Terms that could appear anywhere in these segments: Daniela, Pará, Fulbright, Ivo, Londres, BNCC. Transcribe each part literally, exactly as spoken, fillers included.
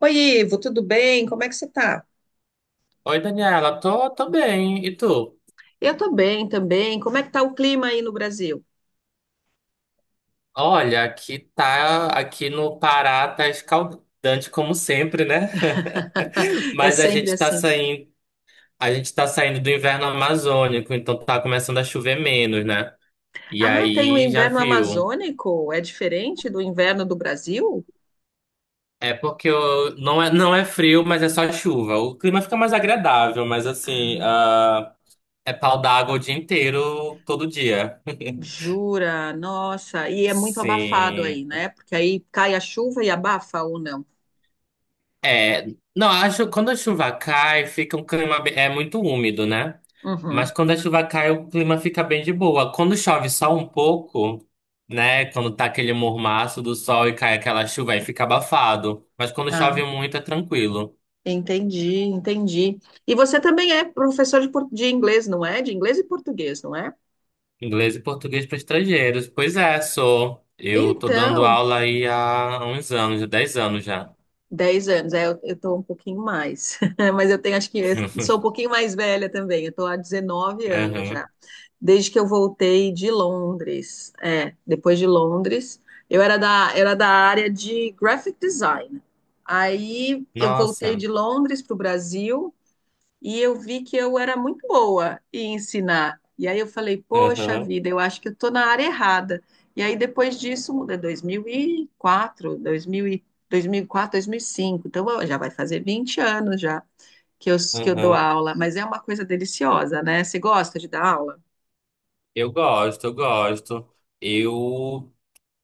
Oi, Ivo, tudo bem? Como é que você tá? Oi, Daniela, tô, tô bem. E tu? Eu tô bem também. Como é que tá o clima aí no Brasil? Olha, aqui tá, aqui no Pará tá escaldante como sempre, né? É Mas a sempre gente tá assim. saindo, a gente tá saindo do inverno amazônico, então tá começando a chover menos, né? E Ah, tem o aí já inverno viu. amazônico. É diferente do inverno do Brasil? É porque eu- não é, não é frio, mas é só chuva. O clima fica mais agradável, mas assim, Ah, ah, é pau d'água o dia inteiro, todo dia. jura? Nossa. E é muito abafado aí, Sim. né? Porque aí cai a chuva e abafa ou não? É, não, acho quando a chuva cai, fica um clima be- é muito úmido, né? Mas Uhum. quando a chuva cai, o clima fica bem de boa. Quando chove só um pouco, né? Quando tá aquele mormaço do sol e cai aquela chuva, aí fica abafado. Mas quando Ah, chove muito, é tranquilo. entendi, entendi. E você também é professor de, por- de inglês, não é? De inglês e português, não é? Inglês e português para estrangeiros. Pois é, sou. Eu tô dando Então, aula aí há uns anos, dez anos já. dez anos, é, eu, eu tô um pouquinho mais, mas eu tenho, acho que eu sou um pouquinho mais velha também, eu tô há dezenove anos já, Aham. desde que eu voltei de Londres, é, depois de Londres, eu era da, era da área de graphic design, aí eu voltei Nossa. de Londres para o Brasil, e eu vi que eu era muito boa em ensinar. E aí eu falei, poxa Aham, vida, eu acho que eu estou na área errada. E aí depois disso, é dois mil e- quatro quatro dois dois dois mil e quatro, dois mil dois mil e quatro, cinco então ó, já vai fazer vinte anos já que eu, que eu dou aham. aula, mas é uma coisa deliciosa, né? Você gosta de dar aula? Eu gosto, eu gosto. Eu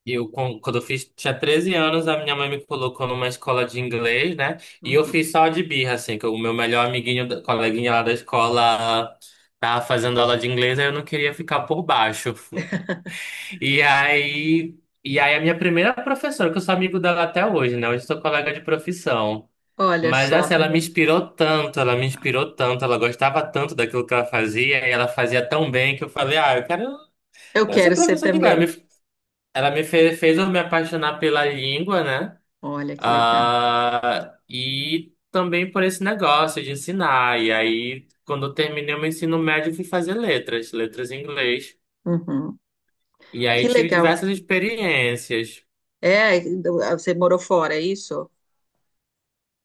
E eu, quan- quando eu fiz, tinha treze anos, a minha mãe me colocou numa escola de inglês, né? E eu Uhum. fiz só de birra, assim, que o meu melhor amiguinho, da- coleguinha lá da escola, tava fazendo aula de inglês, aí eu não queria ficar por baixo. E aí, e aí a minha primeira professora, que eu sou amigo dela até hoje, né? Hoje eu sou colega de profissão. Olha Mas só, assim, tá ela me vendo? inspirou tanto, ela me inspirou tanto, ela gostava tanto daquilo que ela fazia, e ela fazia tão bem que eu falei, ah, eu quero, eu Eu quero ser quero ser professor de também. inglês. Ela me fez, fez eu me apaixonar pela língua, né? Olha que legal. Ah, e também por esse negócio de ensinar. E aí, quando eu terminei o meu ensino médio, eu fui fazer letras, letras em inglês. Uhum. E aí Que tive legal. diversas experiências. É, você morou fora, é isso?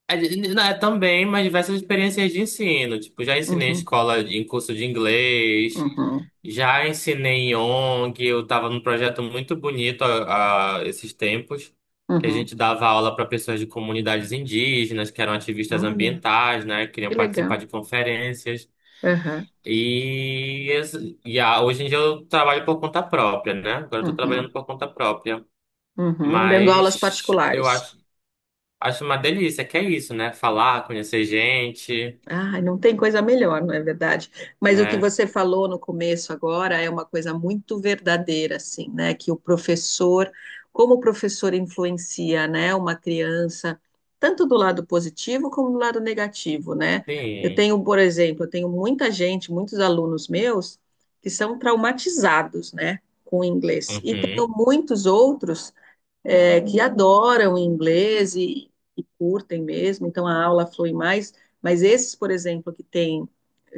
É, de- né, também, mas diversas experiências de ensino. Tipo, já ensinei em Uhum, escola, em curso de inglês, uhum, já ensinei em ONG. Eu estava num projeto muito bonito a, esses tempos, que a uhum. gente dava aula para pessoas de comunidades indígenas, que eram ativistas Olha. ambientais, né? Que Queriam participar legal. de conferências. Aham, E, esse- e a- hoje em dia eu trabalho por conta própria, né? Agora eu estou trabalhando uhum, por conta própria. uhum. Dando aulas Mas eu particulares. acho. Acho uma delícia, que é isso, né? Falar, conhecer gente, Ah, não tem coisa melhor, não é verdade? Mas o que né? você falou no começo agora é uma coisa muito verdadeira, assim, né? Que o professor, como o professor influencia, né, uma criança, tanto do lado positivo como do lado negativo, né? Eu Sim. tenho, por exemplo, eu tenho muita gente, muitos alunos meus, que são traumatizados, né, com o inglês. E tenho Uhum, muitos outros é, que adoram o inglês e, e curtem mesmo, então a aula flui mais, mas esses, por exemplo, que têm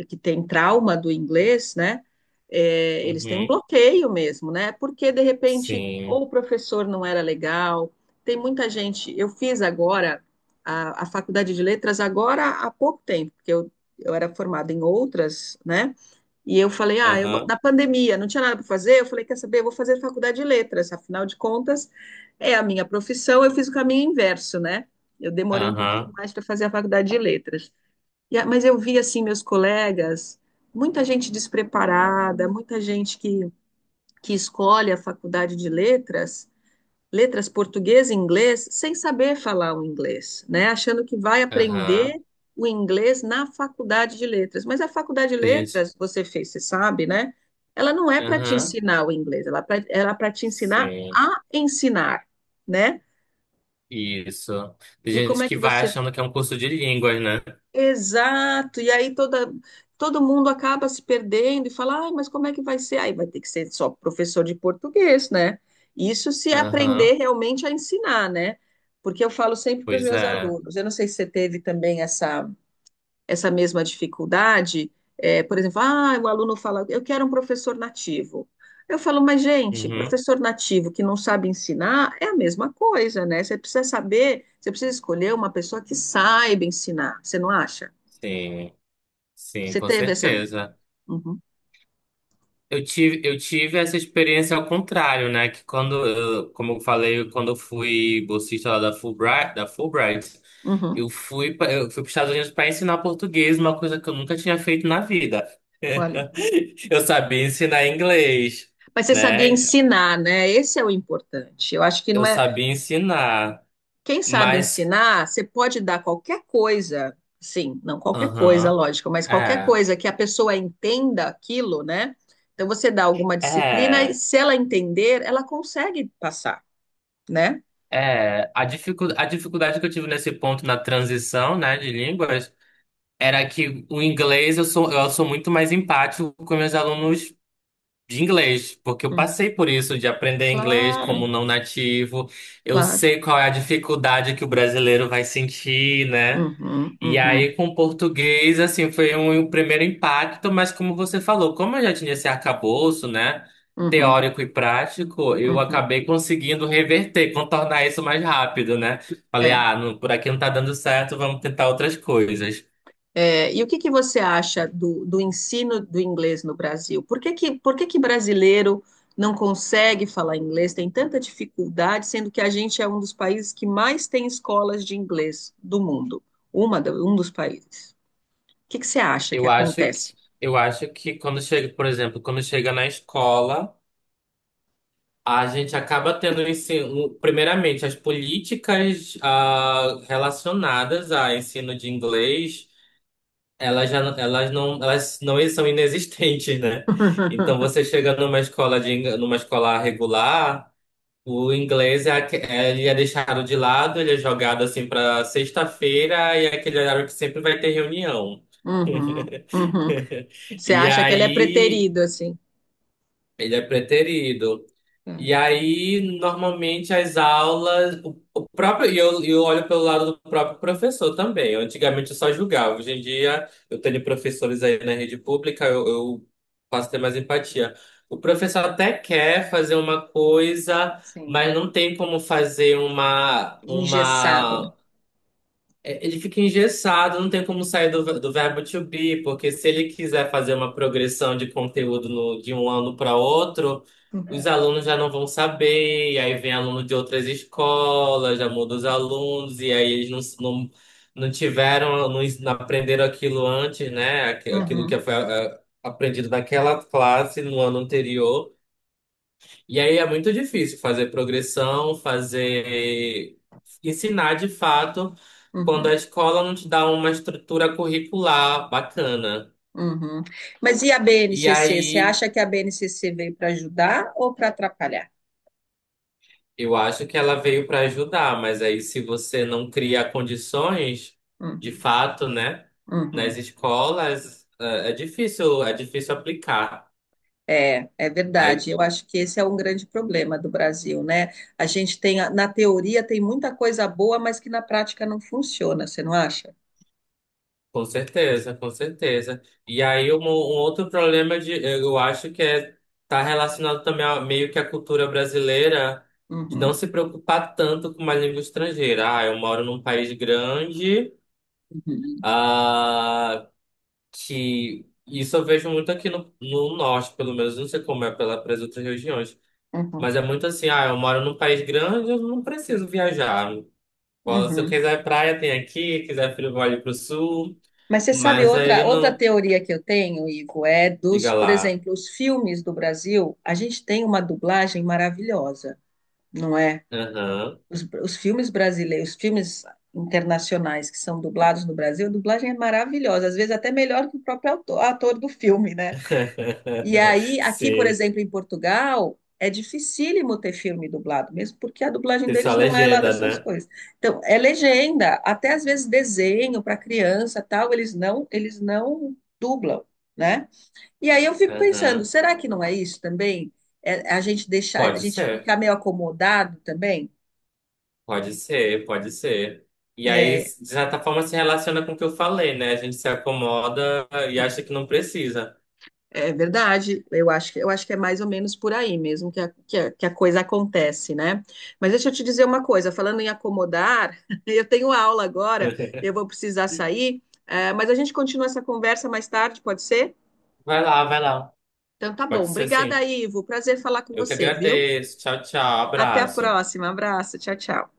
que tem trauma do inglês, né, é, eles têm um uhum. bloqueio mesmo, né, porque de repente Sim. ou o professor não era legal, tem muita gente, eu fiz agora a, a faculdade de letras agora há pouco tempo, porque eu, eu era formada em outras, né, e eu falei, ah, eu, Aham, na pandemia não tinha nada para fazer. Eu falei, quer saber, eu vou fazer faculdade de letras, afinal de contas, é a minha profissão. Eu fiz o caminho inverso, né? Eu demorei um pouquinho aham, mais para fazer a faculdade de letras. E a- mas eu vi, assim, meus colegas, muita gente despreparada, muita gente que, que escolhe a faculdade de letras letras português e inglês sem saber falar o inglês, né? Achando que vai aprender aham. o inglês na faculdade de letras. Mas a faculdade de Tem gente. letras, você fez, você sabe, né? Ela não é para te Aham, ensinar o inglês, ela é para te ensinar sim. a ensinar, né? Isso. Tem E como gente é que que vai você achando que é um curso de línguas, né? Exato, e aí toda, todo mundo acaba se perdendo e fala, ai, mas como é que vai ser? Aí vai ter que ser só professor de português, né? Isso se Aham, aprender realmente a ensinar, né? Porque eu falo sempre para os pois meus é. alunos, eu não sei se você teve também essa, essa mesma dificuldade, é, por exemplo, ah, o aluno fala, eu quero um professor nativo. Eu falo, mas gente, Uhum, professor nativo que não sabe ensinar é a mesma coisa, né? Você precisa saber, você precisa escolher uma pessoa que saiba ensinar, você não acha? sim, sim, Você com teve essa. certeza. Uhum, Eu tive, eu tive essa experiência ao contrário, né? Que quando, eu- como eu falei, quando eu fui bolsista lá da Fulbright, da Fulbright, uhum. eu fui, pra- eu fui para os Estados Unidos para ensinar português, uma coisa que eu nunca tinha feito na vida. Olha, Eu sabia ensinar inglês, mas você sabia né? ensinar, né? Esse é o importante. Eu acho que Eu não é. sabia ensinar, Quem sabe mas, ensinar, você pode dar qualquer coisa, sim, não qualquer coisa, aham, lógico, mas qualquer é, coisa que a pessoa entenda aquilo, né? Então você dá alguma disciplina e é, se ela entender, ela consegue passar, né? é. A dificu, a dificuldade que eu tive nesse ponto na transição, né, de línguas. Era que o inglês eu sou, eu sou muito mais empático com meus alunos de inglês, porque eu Hum, passei por isso de aprender inglês como claro, não nativo. Eu claro. sei qual é a dificuldade que o brasileiro vai sentir, né? Uhum, E uhum, aí com o português, assim, foi um, um primeiro impacto, mas como você falou, como eu já tinha esse arcabouço, né? uhum, Teórico e prático, eu uhum. acabei conseguindo reverter, contornar isso mais rápido, né? Falei, É. ah, não- por aqui não tá dando certo, vamos tentar outras coisas. É, e o que que você acha do, do ensino do inglês no Brasil? Por que que, por que que brasileiro não consegue falar inglês, tem tanta dificuldade, sendo que a gente é um dos países que mais tem escolas de inglês do mundo? Uma, do- um dos países. O que que você acha que Eu acho que, acontece? eu acho que quando chega, por exemplo, quando chega na escola, a gente acaba tendo um ensino, primeiramente, as políticas ah, relacionadas a ensino de inglês, elas já, não- elas não, elas não são inexistentes, né? Então você chega numa escola de, ing- numa escola regular, o inglês é, aque- é- ele é deixado de lado, ele é jogado assim para sexta-feira e é aquele horário que sempre vai ter reunião. Uhum, uhum. Você E acha que ele é aí preterido, assim? Ele é preterido. É, E aí, normalmente, as aulas, o, o próprio, e eu, eu olho pelo lado do próprio professor também. Eu, Antigamente eu só julgava. Hoje em dia eu tenho professores aí na rede pública, eu, eu passo a ter mais empatia. O professor até quer fazer uma coisa, sim, mas não tem como fazer uma, engessado, né? uma é, Ele fica engessado, não tem como sair do, do verbo to be, porque se ele quiser fazer uma progressão de conteúdo no- de um ano para outro, os alunos já não vão saber, e aí vem aluno de outras escolas, já muda os alunos, e aí eles não, s- não, não tiveram, não, ens- não aprenderam aquilo antes, né? Aqu- Aquilo Uhum, que foi ah, aprendido naquela classe no ano anterior. E aí é muito difícil fazer progressão, fazer ensinar de fato quando a uhum. escola não te dá uma estrutura curricular bacana. Uhum. Mas e a E B N C C? Você aí acha que a B N C C veio para ajudar ou para atrapalhar? eu acho que ela veio para ajudar, mas aí se você não cria condições de Uhum, fato, né, nas uhum. escolas, é é difícil, é difícil aplicar. É, é Aí verdade. Eu acho que esse é um grande problema do Brasil, né? A gente tem, a- na teoria, tem muita coisa boa, mas que na prática não funciona, você não acha? Com certeza, com certeza. E aí, um, um outro problema de, eu acho que é tá relacionado também a, meio que à cultura brasileira de não Uhum, se preocupar tanto com uma língua estrangeira. Ah, eu moro num país grande, uhum, ah, que isso eu vejo muito aqui no, no norte, pelo menos, não sei como é pela, para outras regiões, uhum, mas é muito assim, ah, eu moro num país grande, eu não preciso viajar. Se eu uhum. quiser praia, tem aqui, quiser frio, vou ali pro sul. Mas você sabe Mas aí outra, outra não, teoria que eu tenho, Ivo, é dos, Diga por lá. exemplo, os filmes do Brasil, a gente tem uma dublagem maravilhosa, não é? Aham. Os, os filmes brasileiros, os filmes internacionais que são dublados no Brasil, a dublagem é maravilhosa, às vezes até melhor que o próprio autor- ator do filme, né? E aí, aqui, por Sim. exemplo, em Portugal, é dificílimo ter filme dublado, mesmo porque a dublagem Tem só a deles não é lá legenda, dessas né? coisas. Então, é legenda, até às vezes desenho para criança, tal, eles não, eles não dublam, né? E aí eu fico pensando, Aham. será que não é isso também? É a gente deixar, a Pode gente ser. ficar meio acomodado também? Pode ser, pode ser. E aí, É, de certa forma, se relaciona com o que eu falei, né? A gente se acomoda e acha que não precisa. é verdade, eu acho que, eu acho que é mais ou menos por aí mesmo que a, que a, que a coisa acontece, né? Mas deixa eu te dizer uma coisa, falando em acomodar, eu tenho aula agora, eu vou precisar sair, eh, mas a gente continua essa conversa mais tarde, pode ser? Vai lá, vai lá. Então tá Pode bom, ser, obrigada, sim. Ivo, prazer falar com Eu que você, viu? agradeço. Tchau, tchau. Até a Abraço. próxima, abraço, tchau, tchau.